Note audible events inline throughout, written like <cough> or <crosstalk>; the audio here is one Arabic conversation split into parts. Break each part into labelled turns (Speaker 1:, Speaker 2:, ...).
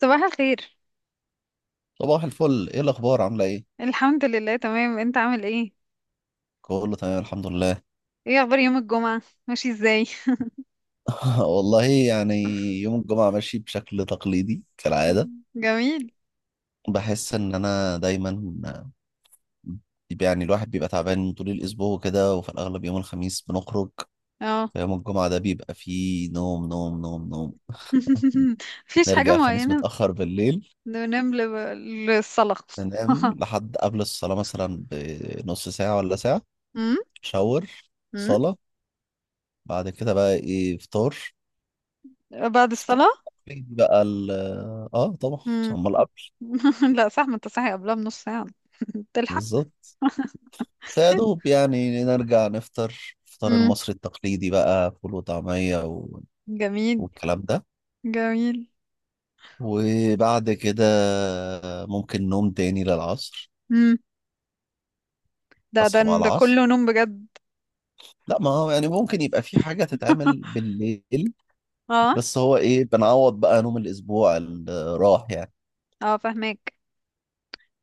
Speaker 1: صباح الخير.
Speaker 2: صباح الفل، ايه الاخبار؟ عامله ايه؟
Speaker 1: الحمد لله، تمام. انت عامل ايه؟
Speaker 2: كله تمام الحمد لله.
Speaker 1: ايه اخبار يوم الجمعة، ماشي ازاي؟
Speaker 2: <laughs> والله يعني، يوم الجمعه ماشي بشكل تقليدي كالعاده.
Speaker 1: <laughs> جميل.
Speaker 2: بحس ان انا دايما، يعني الواحد بيبقى تعبان طول الاسبوع وكده، وفي الاغلب يوم الخميس بنخرج.
Speaker 1: اه.
Speaker 2: فيوم الجمعه ده بيبقى فيه نوم نوم نوم نوم،
Speaker 1: <laughs> مفيش حاجة
Speaker 2: نرجع الخميس
Speaker 1: معينة.
Speaker 2: متاخر بالليل،
Speaker 1: بننام للصلاة.
Speaker 2: ننام
Speaker 1: <laughs>
Speaker 2: لحد قبل الصلاه مثلا بنص ساعه ولا ساعه.
Speaker 1: امم.
Speaker 2: شاور،
Speaker 1: امم.
Speaker 2: صلاه، بعد كده بقى ايه، فطار.
Speaker 1: بعد
Speaker 2: فطبعاً
Speaker 1: الصلاة.
Speaker 2: بقى ال اه طبعا.
Speaker 1: امم.
Speaker 2: امال قبل؟
Speaker 1: <laughs> لا صح، ما انت صاحي قبلها بنص ساعة. <laughs> تلحق.
Speaker 2: بالظبط. فيا دوب يعني نرجع نفطر الفطار
Speaker 1: امم.
Speaker 2: المصري التقليدي بقى، فول وطعمية
Speaker 1: جميل.
Speaker 2: والكلام ده.
Speaker 1: جميل.
Speaker 2: وبعد كده ممكن نوم تاني للعصر.
Speaker 1: امم. ده ده
Speaker 2: اصحى بقى
Speaker 1: ده كله
Speaker 2: العصر،
Speaker 1: نوم بجد.
Speaker 2: لا ما هو يعني ممكن يبقى في حاجة تتعمل بالليل،
Speaker 1: اه.
Speaker 2: بس هو ايه، بنعوض بقى نوم الاسبوع اللي راح يعني.
Speaker 1: اه، فاهمك.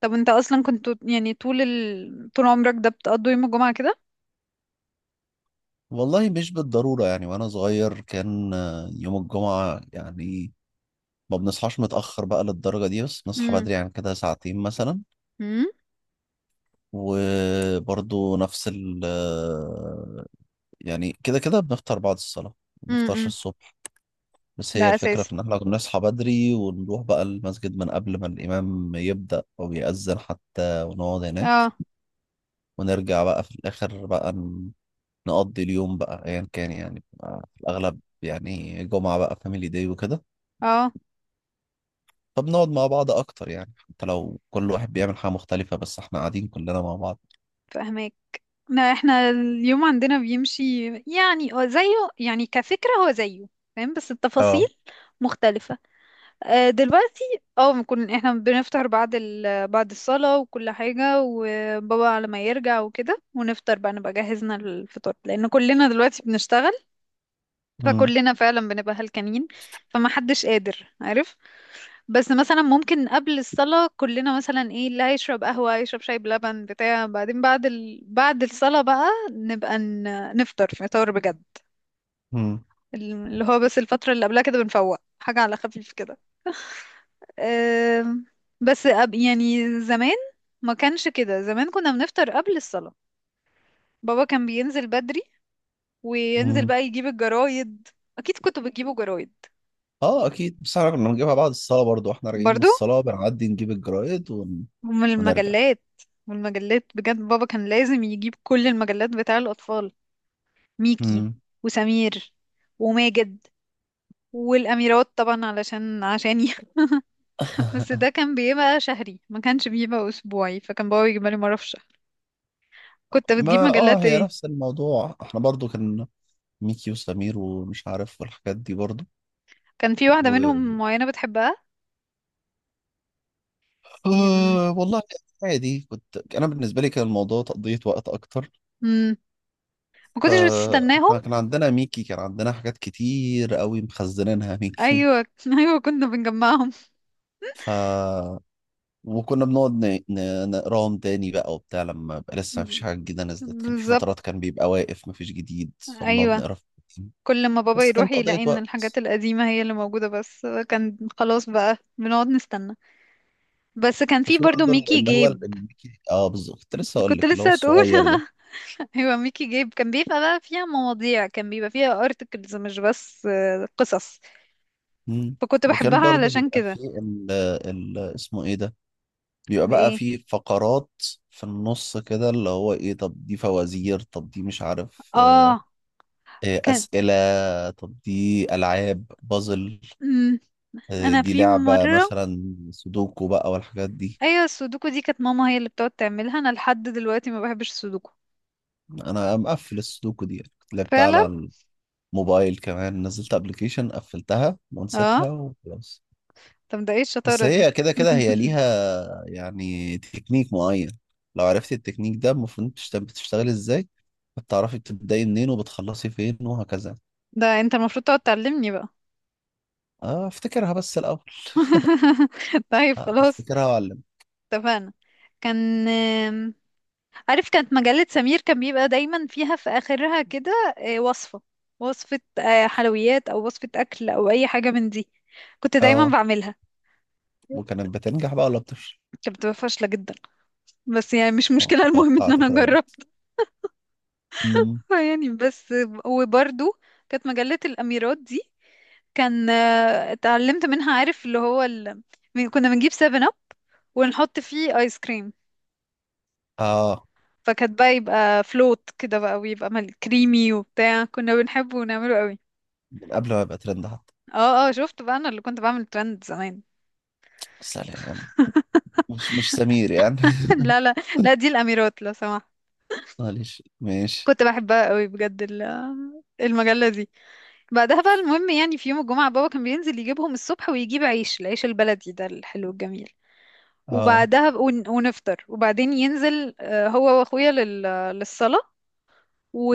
Speaker 1: طب انت اصلا كنت يعني طول عمرك ده بتقضي يوم الجمعة كده؟
Speaker 2: والله مش بالضرورة، يعني وانا صغير كان يوم الجمعة يعني ما بنصحاش متأخر بقى للدرجة دي، بس بنصحى
Speaker 1: امم.
Speaker 2: بدري يعني كده ساعتين مثلا. وبرضو نفس ال يعني كده كده بنفطر بعد الصلاة، ما بنفطرش
Speaker 1: امم.
Speaker 2: الصبح. بس
Speaker 1: ده
Speaker 2: هي الفكرة
Speaker 1: اساسي.
Speaker 2: في إن إحنا بنصحى بدري ونروح بقى المسجد من قبل ما الإمام يبدأ أو يأذن حتى، ونقعد هناك.
Speaker 1: اه.
Speaker 2: ونرجع بقى في الآخر بقى نقضي اليوم بقى أيا كان، يعني بقى في الأغلب يعني جمعة بقى فاميلي داي وكده.
Speaker 1: اه،
Speaker 2: طب نقعد مع بعض اكتر، يعني حتى لو كل واحد بيعمل حاجة مختلفة بس احنا قاعدين كلنا مع بعض.
Speaker 1: فاهمك. لا، احنا اليوم عندنا بيمشي يعني، هو زيه يعني كفكرة، هو زيه. فاهم بس التفاصيل
Speaker 2: اه.
Speaker 1: مختلفة. آه، دلوقتي اه بنكون احنا بنفطر بعد بعد الصلاة وكل حاجة، وبابا على ما يرجع وكده، ونفطر بقى، نبقى جهزنا الفطار لأن كلنا دلوقتي بنشتغل.
Speaker 2: مم.
Speaker 1: فكلنا فعلا بنبقى هلكانين، فما حدش قادر، عارف. بس مثلا ممكن قبل الصلاة كلنا مثلا ايه، اللي هيشرب قهوة هيشرب شاي بلبن بتاع، بعدين بعد بعد الصلاة بقى نبقى ن... نفطر فطار بجد.
Speaker 2: مم.
Speaker 1: اللي هو بس الفترة اللي قبلها كده بنفوق حاجة على خفيف كده. أم... بس يعني زمان ما كانش كده، زمان كنا بنفطر قبل الصلاة. بابا كان بينزل بدري، وينزل
Speaker 2: مم.
Speaker 1: بقى يجيب الجرايد. أكيد كنتوا بتجيبوا جرايد.
Speaker 2: اه اكيد، بس احنا كنا بنجيبها بعد الصلاة برضو، واحنا راجعين من
Speaker 1: برضو.
Speaker 2: الصلاة بنعدي نجيب الجرايد ون...
Speaker 1: ومن
Speaker 2: ونرجع.
Speaker 1: المجلات. والمجلات بجد بابا كان لازم يجيب كل المجلات بتاع الأطفال: ميكي
Speaker 2: مم.
Speaker 1: وسمير وماجد والأميرات طبعا، علشان عشاني. <laughs> بس
Speaker 2: <laughs>
Speaker 1: ده كان بيبقى شهري، ما كانش بيبقى أسبوعي، فكان بابا بيجيبها لي مرة في الشهر. كنت بتجيب
Speaker 2: ما اه
Speaker 1: مجلات
Speaker 2: هي
Speaker 1: ايه؟
Speaker 2: نفس الموضوع، احنا برضو كان ميكي وسمير ومش عارف والحاجات دي برضو.
Speaker 1: كان في واحدة
Speaker 2: و...
Speaker 1: منهم معينة بتحبها؟ يعني
Speaker 2: آه والله، عادي، كنت انا بالنسبة لي كان الموضوع تقضية وقت اكتر.
Speaker 1: م... ما كنتش بتستناهم.
Speaker 2: فاحنا كان عندنا ميكي، كان عندنا حاجات كتير قوي مخزنينها ميكي.
Speaker 1: أيوة. <laughs> أيوة، كنا بنجمعهم.
Speaker 2: ف وكنا بنقعد نقراهم تاني بقى وبتاع، لما يبقى لسه مفيش حاجة جديدة نزلت، كان في
Speaker 1: بالظبط.
Speaker 2: فترات كان بيبقى واقف مفيش جديد فبنقعد
Speaker 1: أيوة.
Speaker 2: نقرا في القديم.
Speaker 1: كل ما بابا
Speaker 2: بس
Speaker 1: يروح
Speaker 2: كانت قضية
Speaker 1: يلاقي ان الحاجات
Speaker 2: وقت.
Speaker 1: القديمة هي اللي موجودة، بس كان خلاص بقى بنقعد نستنى. بس كان في
Speaker 2: وفي
Speaker 1: برضو
Speaker 2: برضه
Speaker 1: ميكي
Speaker 2: اللي هو
Speaker 1: جيب.
Speaker 2: الميكي، اه بالظبط، كنت لسه
Speaker 1: <laughs>
Speaker 2: اقول
Speaker 1: كنت
Speaker 2: لك اللي هو
Speaker 1: لسه هتقول.
Speaker 2: الصغير ده.
Speaker 1: <laughs> ايوه، ميكي جيب كان بيبقى بقى فيها مواضيع، كان بيبقى فيها ارتكلز، مش بس آه، قصص.
Speaker 2: مم.
Speaker 1: فكنت
Speaker 2: وكان
Speaker 1: بحبها
Speaker 2: برضه
Speaker 1: علشان
Speaker 2: بيبقى
Speaker 1: كده.
Speaker 2: فيه اسمه ايه ده، بيبقى بقى
Speaker 1: ايه.
Speaker 2: فيه فقرات في النص كده، اللي هو ايه، طب دي فوازير، طب دي مش عارف،
Speaker 1: اه. كان.
Speaker 2: أسئلة، طب دي ألعاب بازل،
Speaker 1: مم. انا
Speaker 2: دي
Speaker 1: في
Speaker 2: لعبة
Speaker 1: مره.
Speaker 2: مثلا سودوكو بقى والحاجات دي.
Speaker 1: ايوه، السودوكو دي كانت ماما هي اللي بتقعد تعملها، انا لحد دلوقتي ما بحبش السودوكو.
Speaker 2: أنا مقفل السودوكو دي، يعني كنت لعبتها
Speaker 1: فعلا.
Speaker 2: على الموبايل كمان، نزلت أبلكيشن، قفلتها ونسيتها
Speaker 1: اه.
Speaker 2: وخلاص.
Speaker 1: طب ده ايه
Speaker 2: بس
Speaker 1: الشطاره دي؟
Speaker 2: هي كده كده هي ليها يعني تكنيك معين، لو عرفتي التكنيك ده المفروض بتشتغلي ازاي، بتعرفي بتبدأي منين وبتخلصي فين وهكذا.
Speaker 1: <laughs> ده انت المفروض تقعد تعلمني بقى.
Speaker 2: افتكرها بس الأول.
Speaker 1: <laughs> طيب، خلاص.
Speaker 2: افتكرها وأعلم.
Speaker 1: اتفقنا. كان. عارف كانت مجلة سمير كان بيبقى دايما فيها في آخرها كده آه، وصفة. وصفة آه، حلويات أو وصفة أكل أو أي حاجة من دي. كنت دايما
Speaker 2: اه،
Speaker 1: بعملها.
Speaker 2: وكانت بتنجح بقى ولا بتفشل؟
Speaker 1: كانت بتبقى فاشلة جدا، بس يعني مش مشكلة، المهم إن
Speaker 2: توقعت كده
Speaker 1: أنا
Speaker 2: برضه.
Speaker 1: جربتها.
Speaker 2: مم.
Speaker 1: <laughs> يعني بس. وبرضو كانت مجلة الأميرات دي كان آه، اتعلمت منها، عارف كنا بنجيب سيفن أب ونحط فيه آيس كريم.
Speaker 2: اه،
Speaker 1: فكانت بقى يبقى فلوت كده بقى، ويبقى كريمي وبتاع، كنا بنحبه ونعمله قوي.
Speaker 2: من قبل ما يبقى ترند حتى.
Speaker 1: اه. اه، شفت بقى، انا اللي كنت بعمل ترند زمان.
Speaker 2: سلام.
Speaker 1: <laughs>
Speaker 2: مش سمير يعني.
Speaker 1: لا لا. لا، دي الاميرات لو سمحت.
Speaker 2: <laughs> معلش ماشي.
Speaker 1: كنت بحبها قوي بجد، المجله دي. بعدها بقى المهم يعني في يوم الجمعه بابا كان بينزل يجيبهم الصبح، ويجيب عيش، العيش البلدي ده الحلو الجميل.
Speaker 2: اه.
Speaker 1: وبعدها ونفطر، وبعدين ينزل آه، هو واخويا للصلاه.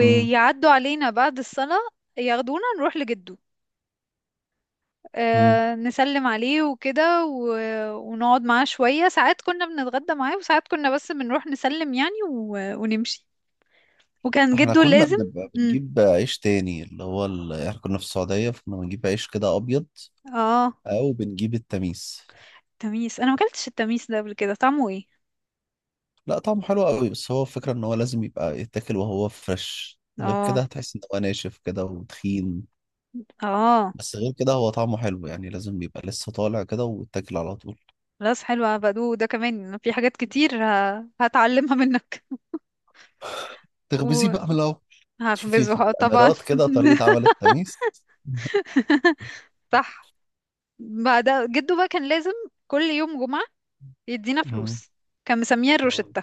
Speaker 2: امم.
Speaker 1: علينا بعد الصلاه، ياخدونا نروح لجده
Speaker 2: امم.
Speaker 1: آه، نسلم عليه وكده ونقعد معاه شوية ساعات. كنا بنتغدى معاه، وساعات كنا بس بنروح نسلم يعني ونمشي. وكان
Speaker 2: احنا
Speaker 1: جده
Speaker 2: كنا
Speaker 1: لازم.
Speaker 2: بنبقى
Speaker 1: مم.
Speaker 2: بنجيب عيش تاني اللي هو احنا كنا في السعودية فكنا بنجيب عيش كده ابيض،
Speaker 1: اه.
Speaker 2: او بنجيب التميس.
Speaker 1: تميس. انا ما اكلتش التميس ده قبل كده، طعمه ايه؟
Speaker 2: لا طعمه حلو قوي، بس هو الفكرة ان هو لازم يبقى يتاكل وهو فريش، غير كده
Speaker 1: اه.
Speaker 2: هتحس ان هو ناشف كده وتخين.
Speaker 1: اه.
Speaker 2: بس غير كده هو طعمه حلو يعني، لازم يبقى لسه طالع كده ويتاكل على طول.
Speaker 1: خلاص، حلوة. بدو ده كمان في حاجات كتير هتعلمها منك.
Speaker 2: تخبزيه بقى من
Speaker 1: <laughs>
Speaker 2: الأول. شوفي
Speaker 1: وهخبزه
Speaker 2: في
Speaker 1: آه، طبعا.
Speaker 2: الامارات
Speaker 1: <laughs>
Speaker 2: كده طريقة عمل التميس.
Speaker 1: صح. بعد، جده بقى كان لازم كل يوم جمعة يدينا
Speaker 2: مم.
Speaker 1: فلوس. كان مسميها
Speaker 2: مم.
Speaker 1: الروشتة.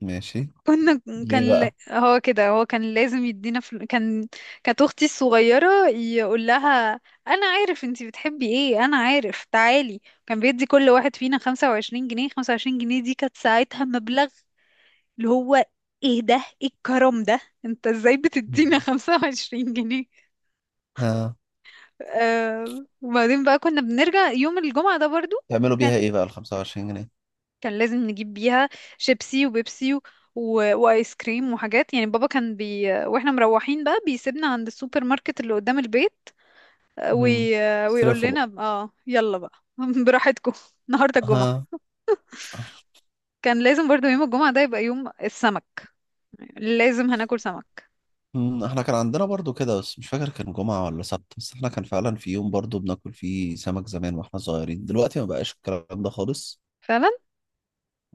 Speaker 2: ماشي.
Speaker 1: كنا.
Speaker 2: ليه
Speaker 1: كان
Speaker 2: بقى؟
Speaker 1: هو كده، هو كان لازم يدينا كان. كانت اختي الصغيره يقول لها: انا عارف انتي بتحبي ايه، انا عارف، تعالي. كان بيدي كل واحد فينا 25 جنيه. 25 جنيه دي كانت ساعتها مبلغ، اللي هو ايه ده، ايه الكرم ده، انت ازاي بتدينا <laughs>
Speaker 2: مم.
Speaker 1: 25 جنيه؟
Speaker 2: ها.
Speaker 1: آه. وبعدين بقى كنا بنرجع يوم الجمعه ده برضو.
Speaker 2: تعملوا
Speaker 1: كان.
Speaker 2: بيها ايه بقى ال 25 جنيه؟
Speaker 1: كان لازم نجيب بيها شيبسي وبيبسي وايس كريم وحاجات، يعني بابا كان بي... واحنا مروحين بقى بيسيبنا عند السوبر ماركت اللي قدام البيت آه،
Speaker 2: مم.
Speaker 1: ويقول
Speaker 2: صرفوا بقى.
Speaker 1: لنا اه: يلا بقى <laughs> براحتكم، النهارده الجمعة.
Speaker 2: ها.
Speaker 1: كان لازم برضو يوم الجمعة ده يبقى يوم السمك، لازم هناكل سمك.
Speaker 2: مم. احنا كان عندنا برضو كده، بس مش فاكر كان جمعة ولا سبت، بس احنا كان فعلا في يوم برضو بناكل فيه سمك زمان واحنا صغيرين، دلوقتي ما بقاش الكلام ده خالص.
Speaker 1: فعلا.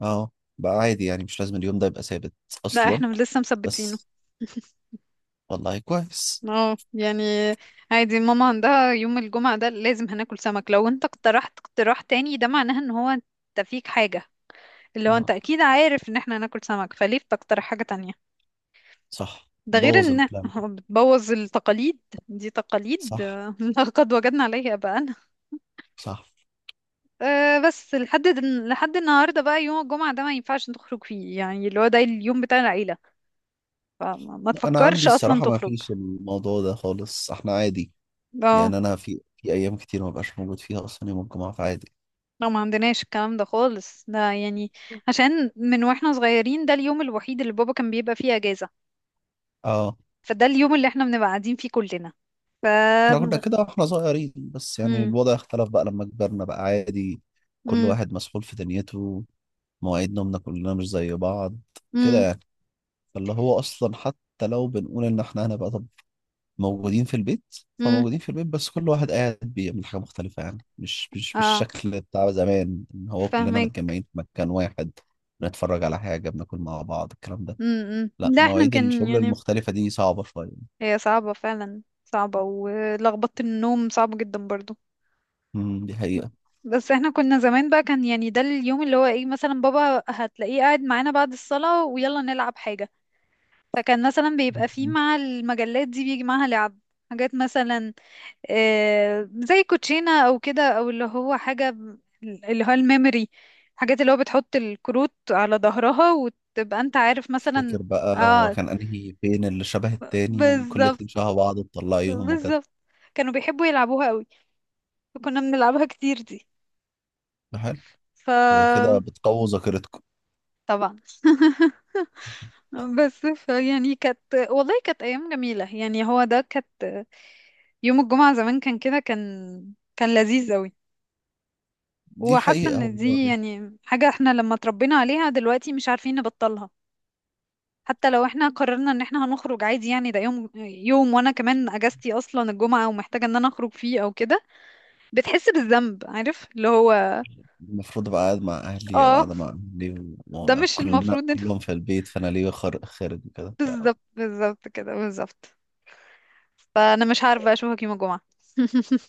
Speaker 2: اه. بقى عادي يعني، مش لازم اليوم ده يبقى ثابت
Speaker 1: لا،
Speaker 2: اصلا.
Speaker 1: احنا لسه مثبتينه.
Speaker 2: بس.
Speaker 1: <laughs>
Speaker 2: والله كويس.
Speaker 1: اه يعني عادي، ماما عندها يوم الجمعة ده لازم هناكل سمك، لو انت اقترحت اقتراح تاني ده معناه ان هو انت فيك حاجة، اللي هو انت
Speaker 2: اه.
Speaker 1: اكيد عارف ان احنا هناكل سمك، فليه بتقترح حاجة تانية؟
Speaker 2: صح،
Speaker 1: ده غير
Speaker 2: بوظ
Speaker 1: ان
Speaker 2: البلان.
Speaker 1: <laughs> بتبوظ التقاليد. دي تقاليد
Speaker 2: صح.
Speaker 1: آه، <laughs> لقد وجدنا عليها بقى.
Speaker 2: صح.
Speaker 1: أه، بس لحد لحد النهارده بقى يوم الجمعة ده ما ينفعش تخرج فيه يعني، اللي هو ده اليوم بتاع العيلة، فما ما
Speaker 2: انا عندي
Speaker 1: تفكرش اصلا
Speaker 2: الصراحه ما
Speaker 1: تخرج.
Speaker 2: فيش الموضوع ده خالص، احنا عادي
Speaker 1: اه.
Speaker 2: يعني. انا في ايام كتير ما بقاش موجود فيها اصلا يوم الجمعه، فعادي.
Speaker 1: لا، ما عندناش الكلام ده خالص، ده يعني عشان من واحنا صغيرين ده اليوم الوحيد اللي بابا كان بيبقى فيه اجازة.
Speaker 2: اه.
Speaker 1: فده اليوم اللي احنا بنبقى قاعدين فيه كلنا. ف.
Speaker 2: احنا كنا كده واحنا صغيرين بس يعني
Speaker 1: مم.
Speaker 2: الوضع اختلف بقى لما كبرنا بقى عادي. كل
Speaker 1: مم.
Speaker 2: واحد مسحول في دنيته، مواعيد نومنا كلنا مش زي بعض كده
Speaker 1: مم.
Speaker 2: يعني. فاللي هو اصلا حتى لو بنقول ان احنا هنبقى موجودين في البيت،
Speaker 1: مم.
Speaker 2: فموجودين في البيت بس كل واحد قاعد بيعمل حاجة مختلفة، يعني مش
Speaker 1: اه،
Speaker 2: بالشكل بتاع زمان ان هو كلنا
Speaker 1: فاهمك.
Speaker 2: متجمعين في مكان واحد. بنتفرج على حاجة، بناكل مع بعض، الكلام ده.
Speaker 1: امم.
Speaker 2: لا
Speaker 1: لا، احنا
Speaker 2: مواعيد
Speaker 1: كان
Speaker 2: الشغل
Speaker 1: يعني.
Speaker 2: المختلفة دي صعبة شوية.
Speaker 1: هي صعبة، فعلا صعبة، ولخبطة النوم صعبة جدا برضو.
Speaker 2: دي حقيقة.
Speaker 1: بس احنا كنا زمان بقى، كان يعني ده اليوم اللي هو ايه، مثلا بابا هتلاقيه قاعد معانا بعد الصلاة ويلا نلعب حاجة. فكان مثلا بيبقى فيه
Speaker 2: مم.
Speaker 1: مع المجلات دي بيجي معاها لعب، حاجات مثلا آه زي كوتشينة او كده، او اللي هو الميموري، حاجات اللي هو بتحط الكروت على ظهرها وتبقى انت عارف
Speaker 2: تفتكر
Speaker 1: مثلا.
Speaker 2: بقى هو
Speaker 1: اه،
Speaker 2: كان انهي فين اللي شبه التاني وكل
Speaker 1: بالظبط،
Speaker 2: اتنين شبه بعض تطلعيهم وكده.
Speaker 1: بالظبط. كانوا بيحبوا يلعبوها قوي، فكنا بنلعبها كتير دي.
Speaker 2: ده حلو.
Speaker 1: ف.
Speaker 2: ده كده بتقوي ذاكرتكم.
Speaker 1: طبعا. <laughs> بس ف يعني كانت، والله كانت ايام جميله، يعني هو ده كانت. يوم الجمعه زمان كان كده، كان. كان لذيذ قوي.
Speaker 2: دي
Speaker 1: وحاسه
Speaker 2: حقيقة
Speaker 1: ان دي
Speaker 2: والله.
Speaker 1: يعني حاجه احنا لما اتربينا عليها دلوقتي مش عارفين نبطلها. حتى لو احنا قررنا ان احنا هنخرج عادي، يعني ده يوم يوم، وانا كمان اجازتي اصلا الجمعه ومحتاجه ان انا اخرج فيه او كده، بتحس بالذنب، عارف اللي هو.
Speaker 2: المفروض ابقى قاعد مع اهلي او
Speaker 1: اه.
Speaker 2: قاعده مع اهلي
Speaker 1: ده مش
Speaker 2: وكلنا
Speaker 1: المفروض ان.
Speaker 2: كلهم في البيت، فانا ليه خارج؟ خارج وكده.
Speaker 1: <laughs> بالظبط، بالظبط كده، بالظبط. فانا مش عارفه اشوفك يوم الجمعه.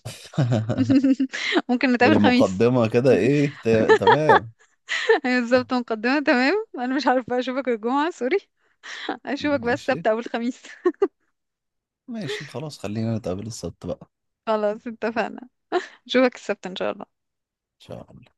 Speaker 2: <laughs>
Speaker 1: <laughs> ممكن
Speaker 2: يعني
Speaker 1: نتقابل خميس.
Speaker 2: مقدمه كده ايه، تمام.
Speaker 1: <laughs> بالظبط، مقدمه تمام. انا مش عارفه اشوفك الجمعه، سوري. اشوفك بس
Speaker 2: ماشي.
Speaker 1: السبت او الخميس.
Speaker 2: ماشي خلاص خلينا نتقابل السبت بقى.
Speaker 1: <laughs> خلاص، اتفقنا. اشوفك السبت ان شاء الله.
Speaker 2: ان شاء الله.